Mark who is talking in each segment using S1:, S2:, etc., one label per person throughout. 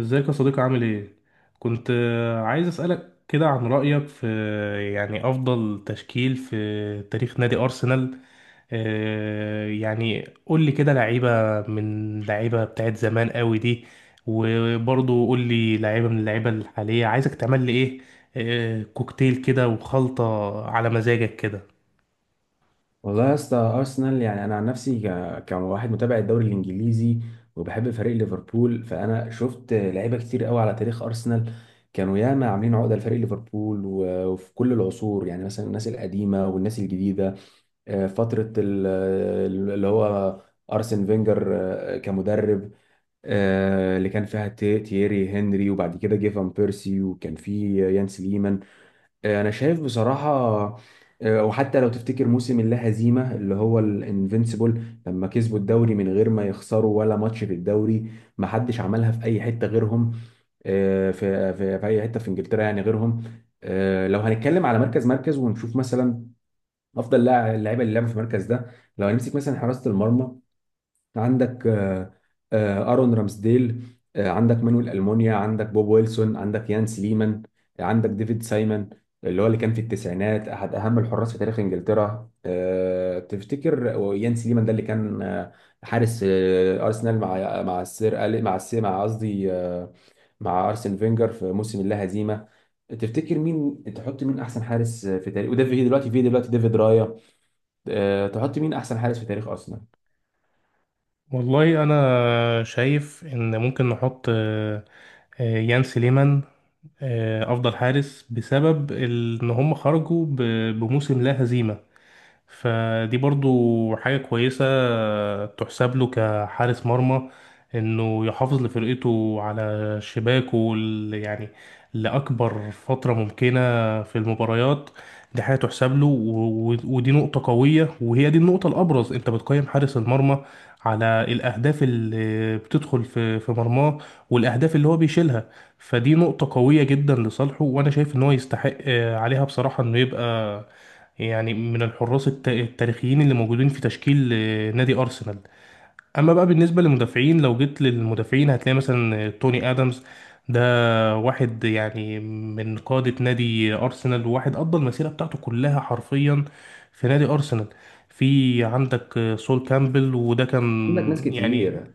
S1: ازيك يا صديقي عامل ايه؟ كنت عايز اسألك كده عن رأيك في يعني أفضل تشكيل في تاريخ نادي أرسنال. يعني قول لي كده لعيبة من لعيبة بتاعت زمان قوي دي، وبرضه قول لي لعيبة من اللعيبة الحالية عايزك تعمل لي ايه، كوكتيل كده وخلطة على مزاجك كده.
S2: والله يا اسطى ارسنال، يعني انا عن نفسي كواحد متابع الدوري الانجليزي وبحب فريق ليفربول، فانا شفت لعيبه كتير قوي على تاريخ ارسنال. كانوا ياما عاملين عقده لفريق ليفربول وفي كل العصور، يعني مثلا الناس القديمه والناس الجديده. فتره اللي هو ارسن فينجر كمدرب، اللي كان فيها تييري هنري، وبعد كده جه فان بيرسي، وكان في يان سليمان. انا شايف بصراحه، وحتى لو تفتكر موسم اللا هزيمه اللي هو الانفينسيبل، لما كسبوا الدوري من غير ما يخسروا ولا ماتش في الدوري، ما حدش عملها في اي حته غيرهم، في اي حته في انجلترا يعني غيرهم. لو هنتكلم على مركز ونشوف مثلا افضل اللاعيبه اللي لعبوا في المركز ده. لو هنمسك مثلا حراسه المرمى، عندك ارون رامسديل، عندك مانويل المونيا، عندك بوب ويلسون، عندك يان سليمان، عندك ديفيد سايمون اللي هو اللي كان في التسعينات احد اهم الحراس في تاريخ انجلترا. تفتكر يان سليمان ده اللي كان حارس ارسنال مع السير مع السير، مع قصدي مع ارسن فينجر في موسم اللا هزيمه. تفتكر مين تحط؟ مين احسن حارس في تاريخ؟ وده في دلوقتي، في دلوقتي ديفيد رايا. تحط مين احسن حارس في تاريخ ارسنال؟
S1: والله أنا شايف إن ممكن نحط يان سليمان، افضل حارس بسبب ان هم خرجوا بموسم لا هزيمه. فدي برضو حاجة كويسة تحسب له كحارس مرمى، انه يحافظ لفرقته على شباكه يعني لأكبر فترة ممكنة في المباريات. دي حاجة تحسب له ودي نقطة قوية، وهي دي النقطة الأبرز. أنت بتقيم حارس المرمى على الأهداف اللي بتدخل في مرماه، والأهداف اللي هو بيشيلها. فدي نقطة قوية جدا لصالحه، وأنا شايف إن هو يستحق عليها بصراحة إنه يبقى يعني من الحراس التاريخيين اللي موجودين في تشكيل نادي أرسنال. أما بقى بالنسبة للمدافعين، لو جيت للمدافعين هتلاقي مثلا توني آدمز، ده واحد يعني من قادة نادي أرسنال، وواحد قضى المسيرة بتاعته كلها حرفيا في نادي أرسنال. في عندك سول كامبل، وده
S2: عندك ناس
S1: كان يعني.
S2: كتير،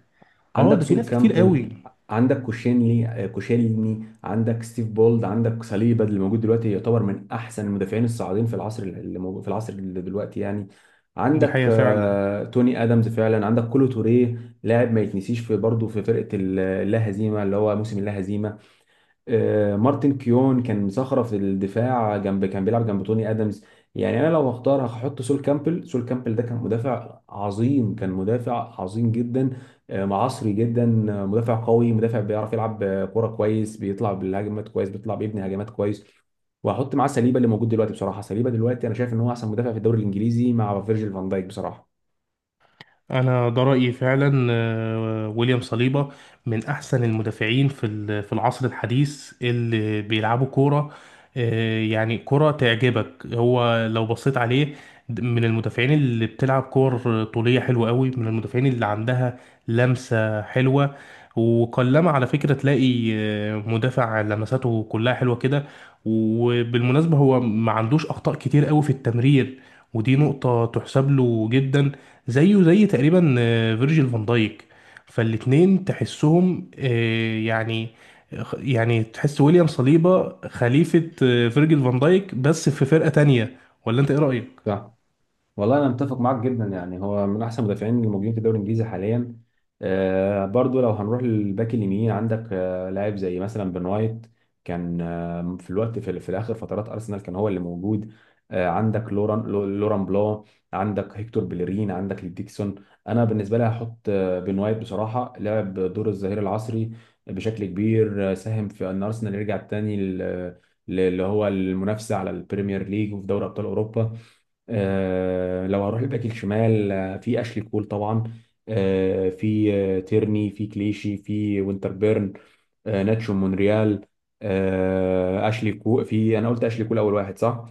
S1: اه،
S2: عندك
S1: ده في
S2: سول
S1: ناس كتير قوي.
S2: كامبل، عندك كوشينلي، كوشيلني، عندك ستيف بولد، عندك صليبا اللي موجود دلوقتي، يعتبر من احسن المدافعين الصاعدين في العصر اللي موجود، في العصر اللي دلوقتي يعني.
S1: دي
S2: عندك
S1: حقيقة فعلا.
S2: توني ادمز فعلا، عندك كولو توريه لاعب ما يتنسيش في برضه في فرقه اللا هزيمه اللي هو موسم اللا هزيمه. مارتن كيون كان صخرة في الدفاع جنب، كان بيلعب جنب توني ادمز. يعني انا لو هختار هحط سول كامبل. سول كامبل ده كان مدافع عظيم، كان مدافع عظيم جدا، معصري جدا، مدافع قوي، مدافع بيعرف يلعب كرة كويس، بيطلع بالهجمات كويس، بيطلع بيبني هجمات كويس. وهحط معاه سليبا اللي موجود دلوقتي. بصراحة سليبا دلوقتي انا شايف ان هو احسن مدافع في الدوري الانجليزي مع فيرجيل فان دايك بصراحة.
S1: انا ده رايي فعلا، ويليام صليبا من احسن المدافعين في في العصر الحديث اللي بيلعبوا كوره. يعني كوره تعجبك. هو لو بصيت عليه، من المدافعين اللي بتلعب كور طوليه حلوه قوي، من المدافعين اللي عندها لمسه حلوه. وقلما على فكره تلاقي مدافع لمساته كلها حلوه كده. وبالمناسبه هو ما عندوش اخطاء كتير قوي في التمرير، ودي نقطه تحسب له جدا. زيه زي تقريبا فيرجيل فان دايك، فالاتنين تحسهم يعني تحس ويليام صليبا خليفة فيرجيل فان دايك بس في فرقة تانية. ولا انت ايه رأيك؟
S2: صح، والله انا متفق معاك جدا، يعني هو من احسن المدافعين اللي موجودين في الدوري الانجليزي حاليا. آه، برضو لو هنروح للباك اليمين، عندك آه، لاعب زي مثلا بن وايت، كان آه، في الاخر فترات ارسنال كان هو اللي موجود. آه، عندك لوران لوران بلو، عندك هيكتور بيلرين، عندك ديكسون. انا بالنسبه لي هحط آه، بن وايت بصراحه، لعب دور الظهير العصري بشكل كبير، ساهم في ان ارسنال يرجع تاني اللي هو المنافسه على البريمير ليج وفي دوري ابطال اوروبا. لو هروح الباك الشمال، في اشلي كول طبعا، آه، في آه، تيرني، في كليشي، في وينتربيرن، ناتشو مونريال. اشلي كول، في انا قلت اشلي كول اول واحد صح.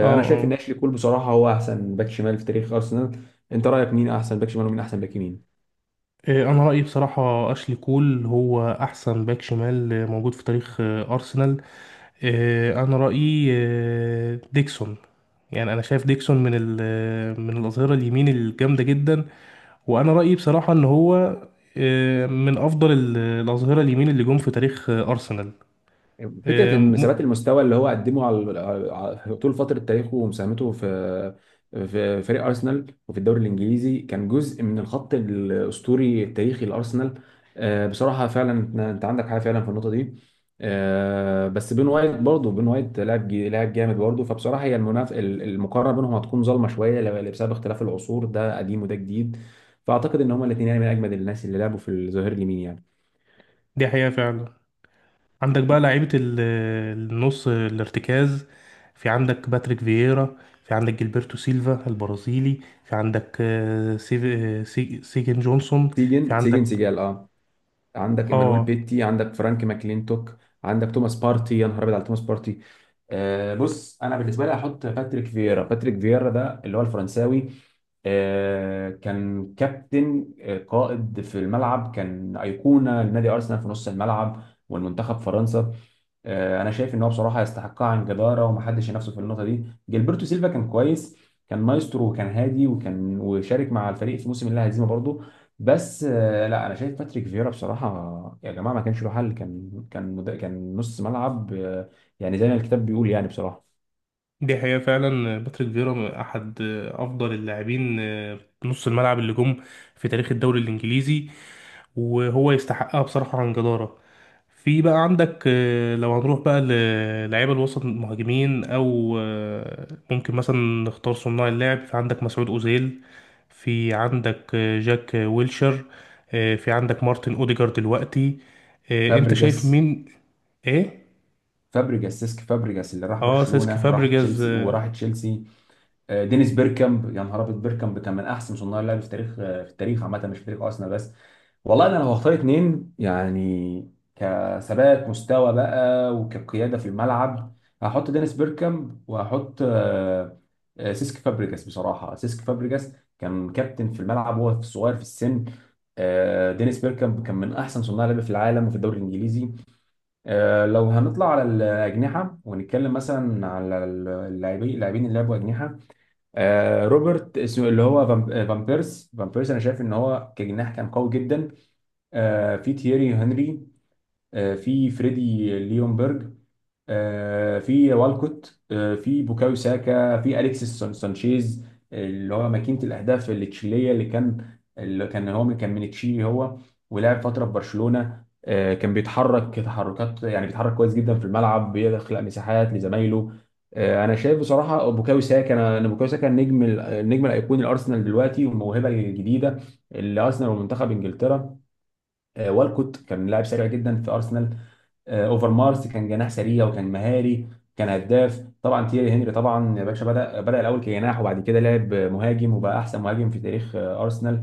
S1: اه،
S2: انا شايف ان
S1: اه.
S2: اشلي كول بصراحه هو احسن باك شمال في تاريخ ارسنال. انت رايك مين احسن باك شمال ومين احسن باك يمين؟
S1: انا رأيي بصراحة اشلي كول هو احسن باك شمال موجود في تاريخ ارسنال. انا رأيي ديكسون. يعني انا شايف ديكسون من من الاظهرة اليمين الجامدة جدا، وانا رايي بصراحه ان هو من افضل الاظهره اليمين اللي جم في تاريخ ارسنال.
S2: فكرة
S1: آه،
S2: إن
S1: م-
S2: ثبات المستوى اللي هو قدمه على طول فترة تاريخه ومساهمته في فريق أرسنال وفي الدوري الإنجليزي، كان جزء من الخط الأسطوري التاريخي لأرسنال. بصراحة فعلا، أنت عندك حاجة فعلا في النقطة دي. بس بين وايت برضه، بين وايت لاعب لاعب جامد برضه. فبصراحة هي المقارنة بينهم هتكون ظالمة شوية بسبب اختلاف العصور، ده قديم وده جديد. فأعتقد إن هما الاتنين يعني من أجمد الناس اللي لعبوا في الظهير اليمين يعني.
S1: دي حقيقه فعلا. عندك بقى لعيبه النص الارتكاز. في عندك باتريك فييرا، في عندك جilberto سيلفا البرازيلي، في عندك سيجن جونسون، في
S2: سيجن
S1: عندك.
S2: سيجن سيجال، اه. عندك ايمانويل
S1: اه.
S2: بيتي، عندك فرانك ماكلينتوك، عندك توماس بارتي. يا نهار ابيض على توماس بارتي. بص انا بالنسبه لي هحط باتريك فييرا. باتريك فييرا ده اللي هو الفرنساوي، كان كابتن، قائد في الملعب، كان ايقونه لنادي ارسنال في نص الملعب والمنتخب فرنسا. انا شايف ان هو بصراحه يستحقها عن جداره، ومحدش ينافسه في النقطه دي. جilberto سيلفا كان كويس، كان مايسترو وكان هادي، وكان وشارك مع الفريق في موسم اللا هزيمه برضه. بس لا، انا شايف باتريك فييرا بصراحه يا جماعه ما كانش له حل. كان كان نص ملعب، يعني زي ما الكتاب بيقول يعني بصراحه.
S1: دي حقيقة فعلا. باتريك فيرا أحد أفضل اللاعبين، نص الملعب اللي جم في تاريخ الدوري الإنجليزي، وهو يستحقها بصراحة عن جدارة. في بقى عندك لو هنروح بقى للعيبة الوسط المهاجمين، أو ممكن مثلا نختار صناع اللعب. في عندك مسعود أوزيل، في عندك جاك ويلشر، في عندك مارتن أوديجارد دلوقتي. أنت شايف
S2: فابريجاس.
S1: مين؟ إيه؟
S2: سيسك فابريجاس اللي راح
S1: سيسكي
S2: برشلونه وراح
S1: فابريجاز.
S2: تشيلسي وراح تشيلسي. دينيس بيركامب، يا نهار ابيض، بيركامب كان من احسن صناع اللعب في تاريخ في التاريخ عامه، مش في تاريخ ارسنال بس. والله انا لو هختار اتنين يعني كثبات مستوى بقى وكقياده في الملعب، هحط دينيس بيركامب وهحط سيسك فابريجاس. بصراحه سيسك فابريجاس كان كابتن في الملعب وهو في صغير في السن. دينيس بيركامب كان من احسن صناع لعب في العالم وفي الدوري الانجليزي. لو هنطلع على الاجنحه ونتكلم مثلا على اللاعبين اللي لعبوا اجنحه، روبرت اسمه اللي هو فان بيرس، انا شايف ان هو كجناح كان قوي جدا. في تييري هنري، في فريدي ليونبرج، في والكوت، في بوكايو ساكا، في اليكسيس سانشيز اللي هو ماكينة الأهداف التشيلية، اللي كان هو من تشيلي هو، ولعب فترة في برشلونة. كان بيتحرك تحركات، يعني بيتحرك كويس جدا في الملعب، بيخلق مساحات لزمايله. انا شايف بصراحه بوكايو ساكا. أنا بوكايو ساكا النجم الايقوني الارسنال دلوقتي، والموهبه الجديده اللي ارسنال ومنتخب انجلترا. والكوت كان لاعب سريع جدا في ارسنال. اوفر مارس كان جناح سريع وكان مهاري، كان هداف. طبعا تيري هنري طبعا يا باشا بدا الاول كجناح، وبعد كده لعب مهاجم، وبقى احسن مهاجم في تاريخ ارسنال.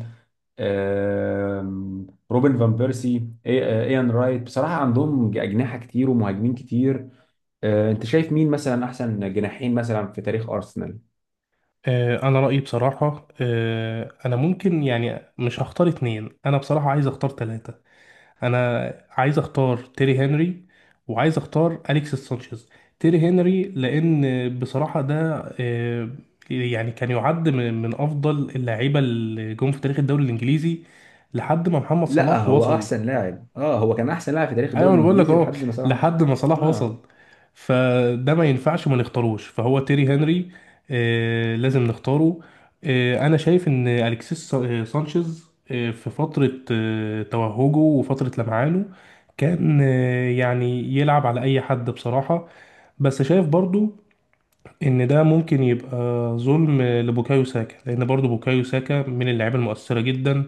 S2: روبن فان بيرسي، ايان رايت، بصراحه عندهم اجنحه كتير ومهاجمين كتير. انت شايف مين مثلا احسن جناحين مثلا في تاريخ ارسنال؟
S1: أنا رأيي بصراحة، أنا ممكن يعني مش هختار اتنين، أنا بصراحة عايز أختار تلاتة. انا عايز اختار تيري هنري، وعايز اختار اليكس سانشيز. تيري هنري، لان بصراحه ده آه، يعني كان يعد من افضل اللعيبه اللي جم في تاريخ الدوري الانجليزي لحد ما محمد
S2: لا،
S1: صلاح
S2: هو
S1: وصل.
S2: احسن لاعب، اه، هو كان احسن لاعب في تاريخ
S1: ايوه،
S2: الدوري
S1: انا بقول لك
S2: الانجليزي
S1: اهو،
S2: لحد ما صراحه.
S1: لحد ما صلاح وصل.
S2: اه.
S1: فده ما ينفعش ما نختاروش، فهو تيري هنري. لازم نختاره. انا شايف ان الكسيس سانشيز في فتره توهجه وفتره لمعانه. كان يعني يلعب على اي حد بصراحه. بس شايف برضو ان ده ممكن يبقى ظلم لبوكايو ساكا، لان برضو بوكايو ساكا من اللعيبه المؤثره جدا.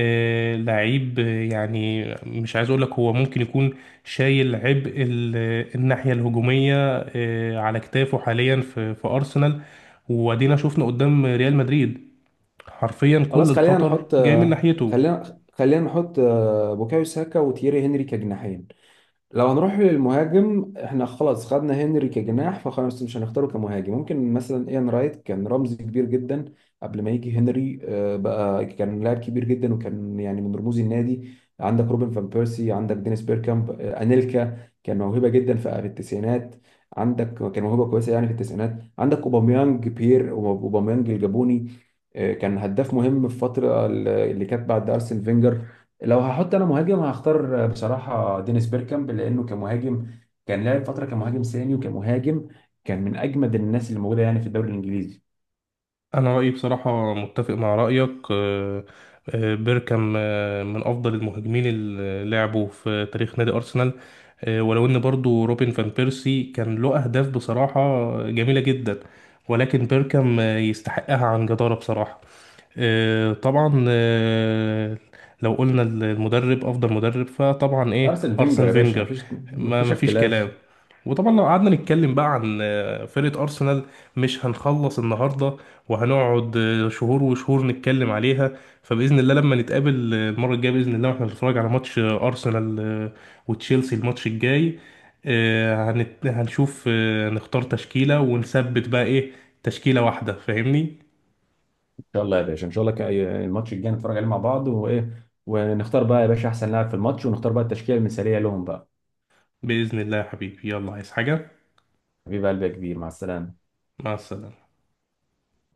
S1: آه، لعيب آه، يعني مش عايز اقول لك هو ممكن يكون شايل عبء الناحيه الهجوميه على كتافه حاليا في ارسنال. وادينا شفنا قدام ريال مدريد، حرفيا كل
S2: خلاص خلينا
S1: الخطر
S2: نحط،
S1: جاي من ناحيته.
S2: خلينا نحط بوكايو ساكا وتييري هنري كجناحين. لو هنروح للمهاجم، احنا خلاص خدنا هنري كجناح، فخلاص مش هنختاره كمهاجم. ممكن مثلا ايان رايت كان رمز كبير جدا قبل ما يجي هنري، بقى كان لاعب كبير جدا، وكان يعني من رموز النادي. عندك روبن فان بيرسي، عندك دينيس بيركامب، انيلكا كان موهبة جدا في التسعينات. عندك كان موهبة كويسة يعني في التسعينات. عندك اوباميانج، بير اوباميانج الجابوني، كان هداف مهم في الفترة اللي كانت بعد ارسن فينجر. لو هحط انا مهاجم، هختار بصراحه دينيس بيركامب، لانه كمهاجم كان لعب فتره كمهاجم ثاني وكمهاجم، كان من اجمد الناس اللي موجوده يعني في الدوري الانجليزي.
S1: انا رايي بصراحه متفق مع رايك، بيركام من افضل المهاجمين اللي لعبوا في تاريخ نادي ارسنال. ولو ان برضو روبن فان بيرسي كان له اهداف بصراحه جميله جدا، ولكن بيركام يستحقها عن جداره بصراحه. طبعا، لو قلنا المدرب افضل مدرب فطبعا ايه
S2: ارسنال
S1: ارسن
S2: فينجر يا باشا،
S1: فينجر.
S2: مفيش
S1: ما ما فيش كلام.
S2: اختلاف.
S1: وطبعا لو قعدنا نتكلم بقى عن فرقة ارسنال مش هنخلص النهارده، وهنقعد شهور وشهور نتكلم عليها. فباذن الله لما نتقابل المره الجايه باذن الله، واحنا بنتفرج على ماتش ارسنال وتشيلسي الماتش الجاي، هنشوف نختار تشكيله ونثبت بقى ايه. تشكيله واحده فاهمني.
S2: ان شاء الله يا باشا، ان شاء الله، الماتش الجاي نتفرج عليه مع بعض، وايه، ونختار بقى يا باشا احسن لاعب في الماتش، ونختار بقى التشكيله المثاليه لهم بقى.
S1: بإذن الله يا حبيبي، يلا عايز حاجة؟
S2: حبيب قلبي يا كبير، مع السلامه.
S1: مع السلامة.